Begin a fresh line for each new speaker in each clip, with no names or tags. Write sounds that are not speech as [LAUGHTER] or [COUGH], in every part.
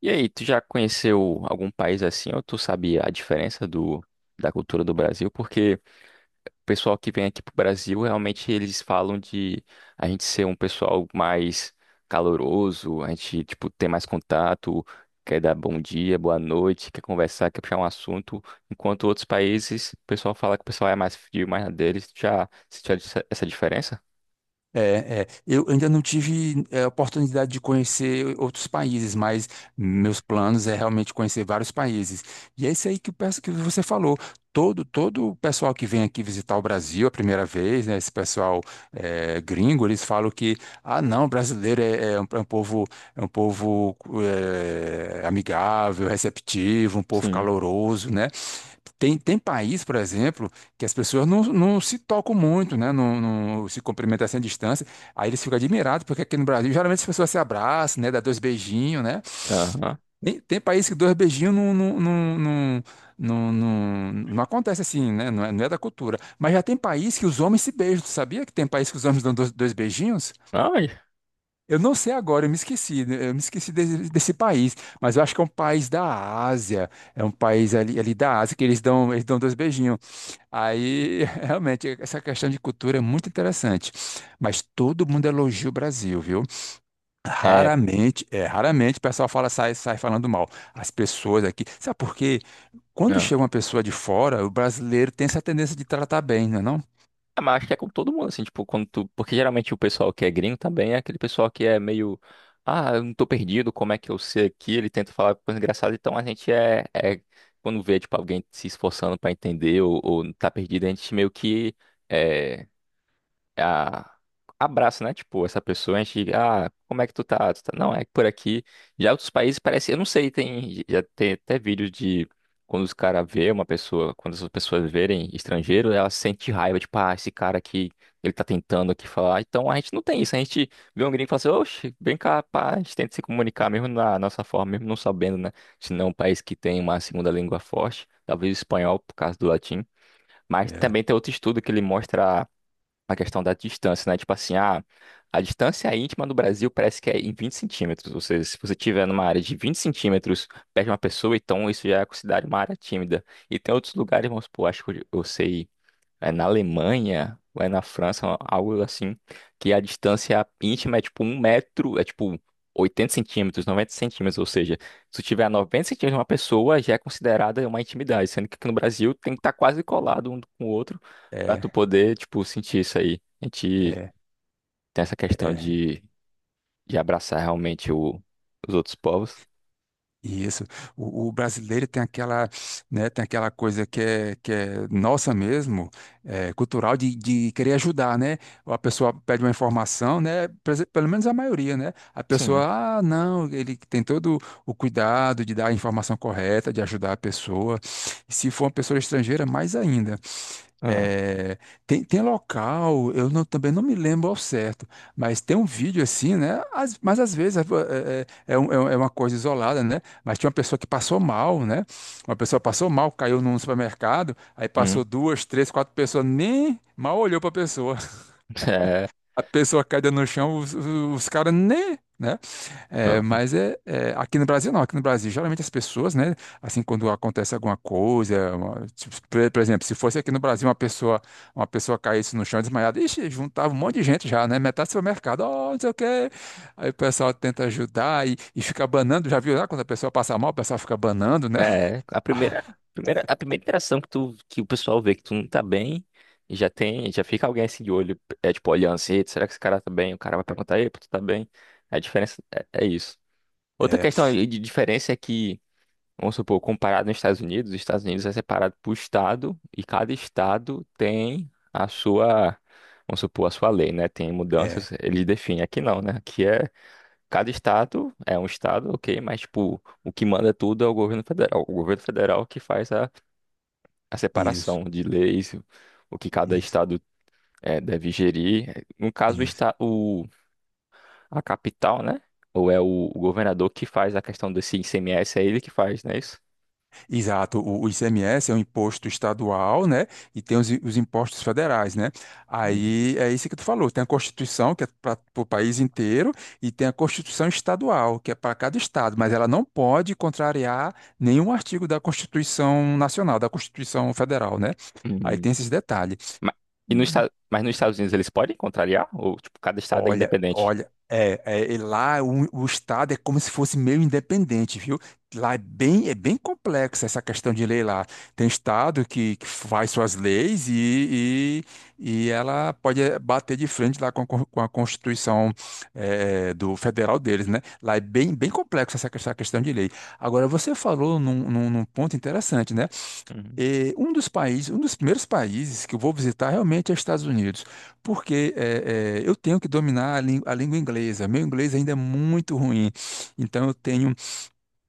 E aí, tu já conheceu algum país assim, ou tu sabe a diferença da cultura do Brasil? Porque o pessoal que vem aqui pro Brasil, realmente eles falam de a gente ser um pessoal mais caloroso, a gente, tipo, ter mais contato, quer dar bom dia, boa noite, quer conversar, quer puxar um assunto, enquanto outros países, o pessoal fala que o pessoal é mais frio, mais na deles. Tu já sentiu essa diferença?
É. Eu ainda não tive oportunidade de conhecer outros países, mas meus planos é realmente conhecer vários países. E é isso aí que você falou. Todo o pessoal que vem aqui visitar o Brasil a primeira vez, né, esse pessoal gringo, eles falam que, ah, não, brasileiro é um povo amigável, receptivo, um povo
Sim.
caloroso, né? Tem país, por exemplo, que as pessoas não se tocam muito, né? Não se cumprimentam assim à distância. Aí eles ficam admirados, porque aqui no Brasil, geralmente as pessoas se abraçam, né? Dá dois beijinhos, né?
Aham.
Tem país que dois beijinhos não acontece assim, né? Não é da cultura. Mas já tem país que os homens se beijam. Tu sabia que tem país que os homens dão dois beijinhos?
Ai,
Eu não sei agora, eu me esqueci, né? Eu me esqueci desse país, mas eu acho que é um país da Ásia, é um país ali da Ásia que eles dão dois beijinhos. Aí, [LAUGHS] realmente, essa questão de cultura é muito interessante. Mas todo mundo elogia o Brasil, viu?
é.
Raramente o pessoal fala, sai falando mal. As pessoas aqui. Sabe por quê? Quando chega uma pessoa de fora, o brasileiro tem essa tendência de tratar bem, não é não?
É, mas acho que é com todo mundo, assim, tipo, porque geralmente o pessoal que é gringo também é aquele pessoal que é meio. Ah, eu não tô perdido, como é que eu sei aqui? Ele tenta falar coisa engraçada, então a gente é... é... quando vê, tipo, alguém se esforçando pra entender ou tá perdido, a gente meio que é, a- abraça, né? Tipo, essa pessoa, a gente, ah, como é que tu tá? Tu tá? Não, é por aqui. Já outros países parece, eu não sei, já tem até vídeos de quando os caras vê uma pessoa, quando as pessoas verem estrangeiro, ela sente raiva, tipo, ah, esse cara aqui, ele tá tentando aqui falar. Então a gente não tem isso, a gente vê um gringo e fala assim, oxe, vem cá, pá, a gente tenta se comunicar mesmo na nossa forma, mesmo não sabendo, né? Se não é um país que tem uma segunda língua forte, talvez o espanhol por causa do latim. Mas
É,
também tem outro estudo que ele mostra a questão da distância, né? Tipo assim, ah, a distância íntima no Brasil parece que é em 20 centímetros. Ou seja, se você estiver numa área de 20 centímetros perto de uma pessoa, então isso já é considerado uma área tímida. E tem outros lugares, vamos supor, acho que eu sei é na Alemanha ou é na França, algo assim, que a distância íntima é tipo um metro, é tipo 80 centímetros, 90 centímetros, ou seja, se tu tiver a 90 centímetros de uma pessoa, já é considerada uma intimidade, sendo que aqui no Brasil tem que estar quase colado um com o outro pra tu
é,
poder, tipo, sentir isso aí. A gente
é.
tem essa questão
É.
de abraçar realmente os outros povos.
Isso. O brasileiro tem aquela, né, tem aquela coisa que que é nossa mesmo, é, cultural, de querer ajudar, né? A pessoa pede uma informação, né? Pelo menos a maioria, né? A
Sim.
pessoa, ah, não, ele tem todo o cuidado de dar a informação correta, de ajudar a pessoa. Se for uma pessoa estrangeira, mais ainda.
Ah.
É, tem local, eu não- também não me lembro ao certo, mas tem um vídeo assim, né? Mas às vezes é- é é uma coisa isolada, né? Mas tinha uma pessoa que passou mal, né? Uma pessoa passou mal, caiu num supermercado, aí
Hum.
passou duas, três, quatro pessoas, nem mal olhou para a pessoa,
[LAUGHS]
a pessoa caída no chão, os caras nem, né?
É. Hum.
Aqui no Brasil não, aqui no Brasil geralmente as pessoas, né? Assim quando acontece alguma coisa, tipo, por exemplo, se fosse aqui no Brasil uma pessoa caísse no chão desmaiada, ixi, juntava um monte de gente já, né? Metade do supermercado, ó, não sei o quê. Aí o pessoal tenta ajudar e fica banando, já viu lá quando a pessoa passa mal, o pessoal fica banando, né?
É, a primeira, a
[LAUGHS]
primeira, a primeira interação que o pessoal vê que tu não tá bem, e já tem, já fica alguém assim de olho, é tipo olhando assim: "Eita, será que esse cara tá bem?" O cara vai perguntar: "Epa, tu tá bem?" A diferença é isso. Outra
É,
questão aí de diferença é que, vamos supor, comparado nos Estados Unidos, os Estados Unidos é separado por estado, e cada estado tem a sua, vamos supor, a sua lei, né? Tem
é,
mudanças, eles definem. Aqui não, né? Aqui é Cada estado é um estado, ok, mas tipo, o que manda tudo é o governo federal. O governo federal que faz a
isso,
separação de leis, o que cada
isso,
estado deve gerir. No caso,
isso.
a capital, né? Ou é o governador que faz a questão desse ICMS, é ele que faz, não é isso?
Exato, o ICMS é um imposto estadual, né? E tem os impostos federais, né?
Uhum.
Aí é isso que tu falou: tem a Constituição, que é para o país inteiro, e tem a Constituição estadual, que é para cada estado, mas ela não pode contrariar nenhum artigo da Constituição Nacional, da Constituição Federal, né? Aí
Uhum.
tem esses detalhes.
Ma- e no estado, mas nos Estados Unidos eles podem contrariar? Ou tipo, cada estado é independente?
E lá o Estado é como se fosse meio independente, viu? É bem complexa essa questão de lei lá. Tem Estado que faz suas leis e ela pode bater de frente lá com, com a Constituição do federal deles, né? Bem complexa essa questão de lei. Agora, você falou num, num ponto interessante, né?
Uhum,
E um dos países, um dos primeiros países que eu vou visitar realmente é os Estados Unidos, porque eu tenho que dominar a língua inglesa. Meu inglês ainda é muito ruim, então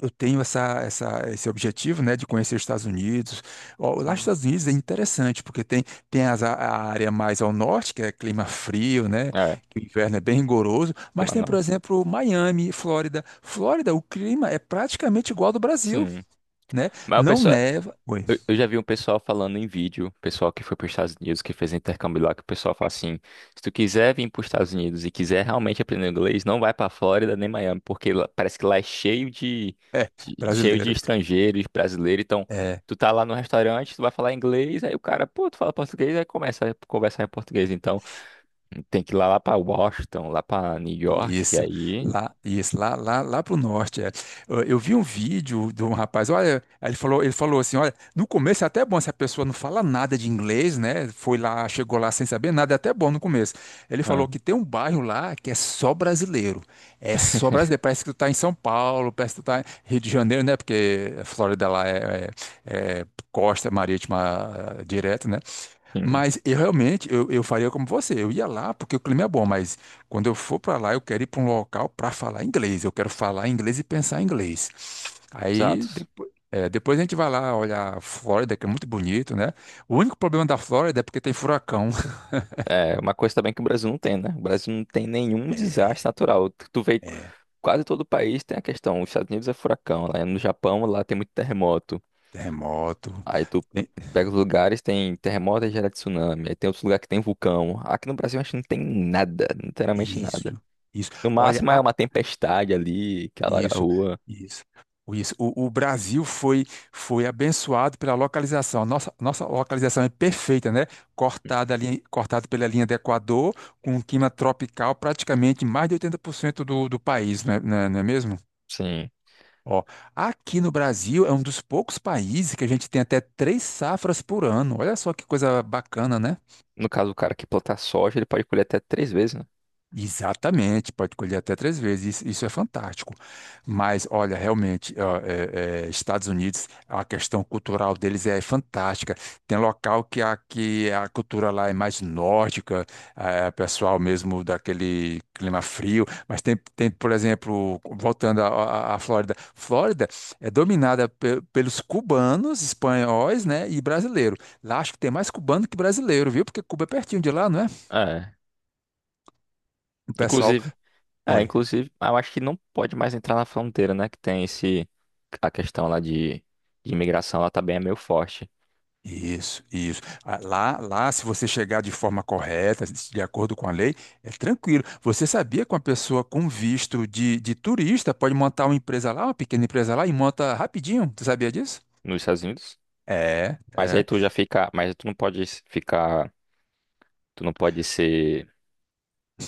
eu tenho esse objetivo, né, de conhecer os Estados Unidos. Ó, lá nos
sim.
Estados Unidos é interessante, porque tem, tem as a área mais ao norte, que é clima frio, né?
É,
Que o inverno é bem rigoroso, mas
clima
tem, por
norte.
exemplo, Miami, Flórida. Flórida, o clima é praticamente igual ao do Brasil,
Sim.
né?
Mas o
Não
pessoal,
neva. Oi.
eu já vi um pessoal falando em vídeo, pessoal que foi para os Estados Unidos, que fez intercâmbio lá, que o pessoal fala assim: se tu quiser vir para os Estados Unidos e quiser realmente aprender inglês, não vai para Flórida nem Miami, porque parece que lá é cheio
É,
cheio de
brasileiro.
estrangeiros, brasileiros. Então,
É,
tu tá lá no restaurante, tu vai falar inglês, aí o cara, pô, tu fala português, aí começa a conversar em português. Então, tem que ir lá para Washington, lá para New York, que
isso.
aí.
Lá pro norte, é. Eu vi um vídeo de um rapaz, olha, aí ele falou assim, olha, no começo é até bom se a pessoa não fala nada de inglês, né? Foi lá, chegou lá sem saber nada, é até bom no começo. Ele
Ah,
falou que tem um bairro lá que é só brasileiro. É só brasileiro. Parece que tu tá em São Paulo, parece que tu tá em Rio de Janeiro, né? Porque a Flórida lá é costa marítima ah, direto, né?
sim,
Mas eu realmente, eu faria como você. Eu ia lá porque o clima é bom, mas quando eu for para lá, eu quero ir para um local para falar inglês. Eu quero falar inglês e pensar inglês. Aí
exato.
depois, é, depois a gente vai lá olhar a Flórida, que é muito bonito, né? O único problema da Flórida é porque tem furacão. [LAUGHS]
É, uma coisa também que o Brasil não tem, né? O Brasil não tem nenhum desastre natural. Tu vê,
É,
quase todo o país tem a questão. Os Estados Unidos é furacão, lá no Japão, lá tem muito terremoto.
terremoto.
Aí tu
tem-
pega os lugares, tem terremoto e gera tsunami. Aí tem outros lugares que tem vulcão. Aqui no Brasil a gente não tem nada, literalmente nada.
Isso, isso.
No
Olha,
máximo é uma tempestade ali que alaga a
Isso,
rua.
isso, isso. O Brasil foi foi abençoado pela localização. A nossa, nossa localização é perfeita, né? Cortada ali, cortado pela linha do Equador, com um clima tropical, praticamente mais de 80% do país, não é mesmo?
Sim.
Ó, aqui no Brasil é um dos poucos países que a gente tem até três safras por ano. Olha só que coisa bacana, né?
No caso, o cara que plantar soja, ele pode colher até três vezes, né?
Exatamente, pode colher até três vezes, isso é fantástico. Mas, olha, realmente, ó, é, é, Estados Unidos, a questão cultural deles é fantástica. Tem local que a cultura lá é mais nórdica, é pessoal mesmo daquele clima frio, mas tem, tem por exemplo, voltando à Flórida, Flórida é dominada pelos cubanos, espanhóis, né, e brasileiro. Lá acho que tem mais cubano que brasileiro, viu? Porque Cuba é pertinho de lá, não é?
É.
O pessoal.
Inclusive, É,
Oi.
inclusive, eu acho que não pode mais entrar na fronteira, né? Que tem esse. A questão lá de imigração, ela também é meio forte
Isso, isso. Ah, lá, se você chegar de forma correta, de acordo com a lei, é tranquilo. Você sabia que uma pessoa com visto de turista pode montar uma empresa lá, uma pequena empresa lá, e monta rapidinho? Você sabia disso?
nos Estados Unidos.
É,
Mas aí
é.
tu já fica. Mas tu não pode ficar. Tu não pode ser.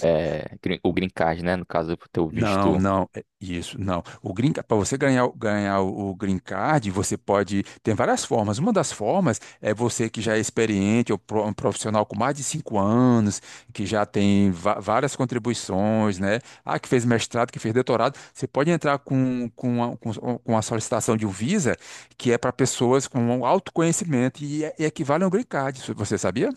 O green card, né? No caso do teu
Não,
visto.
não, é isso, não. O green, para você ganhar, ganhar o green card, você pode. Tem várias formas. Uma das formas é você que já é experiente, um profissional com mais de 5 anos, que já tem várias contribuições, né? Ah, que fez mestrado, que fez doutorado. Você pode entrar com a solicitação de um Visa, que é para pessoas com um alto conhecimento e equivale a um green card. Isso, você sabia?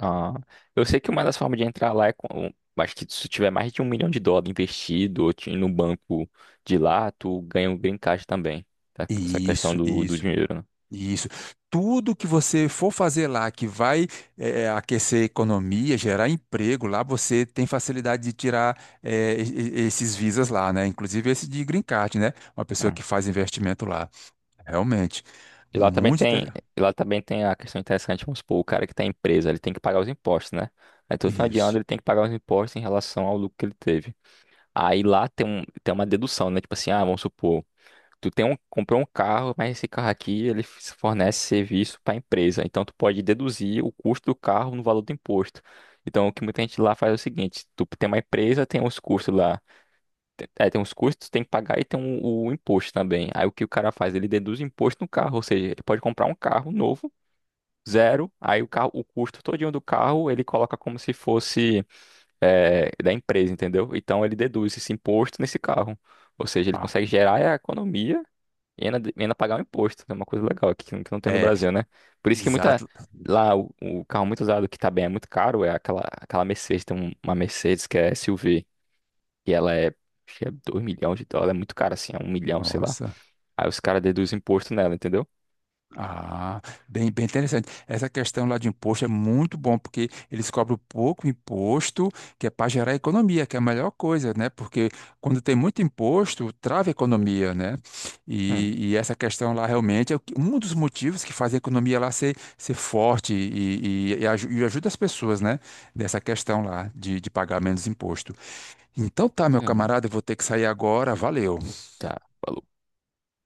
Ah, eu sei que uma das formas de entrar lá é com. Acho que se tu tiver mais de 1 milhão de dólares investido ou no banco de lá, tu ganha o green card também. Tá? Essa questão
Isso,
do
isso.
dinheiro, né?
Isso. Tudo que você for fazer lá que vai aquecer a economia, gerar emprego lá, você tem facilidade de tirar esses visas lá, né? Inclusive esse de green card, né? Uma pessoa
Ah.
que faz investimento lá. Realmente.
E lá também
Muito
tem,
interessante.
e lá também tem a questão interessante, vamos supor, o cara que tem a empresa, ele tem que pagar os impostos, né? Aí todo final de ano
Isso.
ele tem que pagar os impostos em relação ao lucro que ele teve. Aí lá tem uma dedução, né? Tipo assim, ah, vamos supor, comprou um carro, mas esse carro aqui ele fornece serviço para a empresa. Então tu pode deduzir o custo do carro no valor do imposto. Então o que muita gente lá faz é o seguinte, tu tem uma empresa, tem os custos lá tem uns custos, tem que pagar e tem o imposto também. Aí o que o cara faz? Ele deduz imposto no carro, ou seja, ele pode comprar um carro novo, zero, aí o carro, o custo todinho do carro ele coloca como se fosse, da empresa, entendeu? Então ele deduz esse imposto nesse carro. Ou seja, ele
Ah,
consegue gerar a economia e ainda pagar o imposto. É uma coisa legal aqui que não tem no
é,
Brasil, né? Por isso que muita.
exato.
Lá o carro muito usado que tá bem é muito caro, é aquela Mercedes, tem uma Mercedes que é SUV, que ela é, acho que é 2 milhões de dólares, é muito cara assim, é 1 milhão, sei lá.
Nossa.
Aí os caras deduzem imposto nela, entendeu?
Ah, bem, bem interessante. Essa questão lá de imposto é muito bom, porque eles cobram pouco imposto, que é para gerar economia, que é a melhor coisa, né? Porque quando tem muito imposto, trava a economia, né?
Hum,
E essa questão lá realmente é um dos motivos que faz a economia lá ser forte e ajuda as pessoas, né? Dessa questão lá de pagar menos imposto. Então tá, meu
hum,
camarada, eu vou ter que sair agora. Valeu.
tá.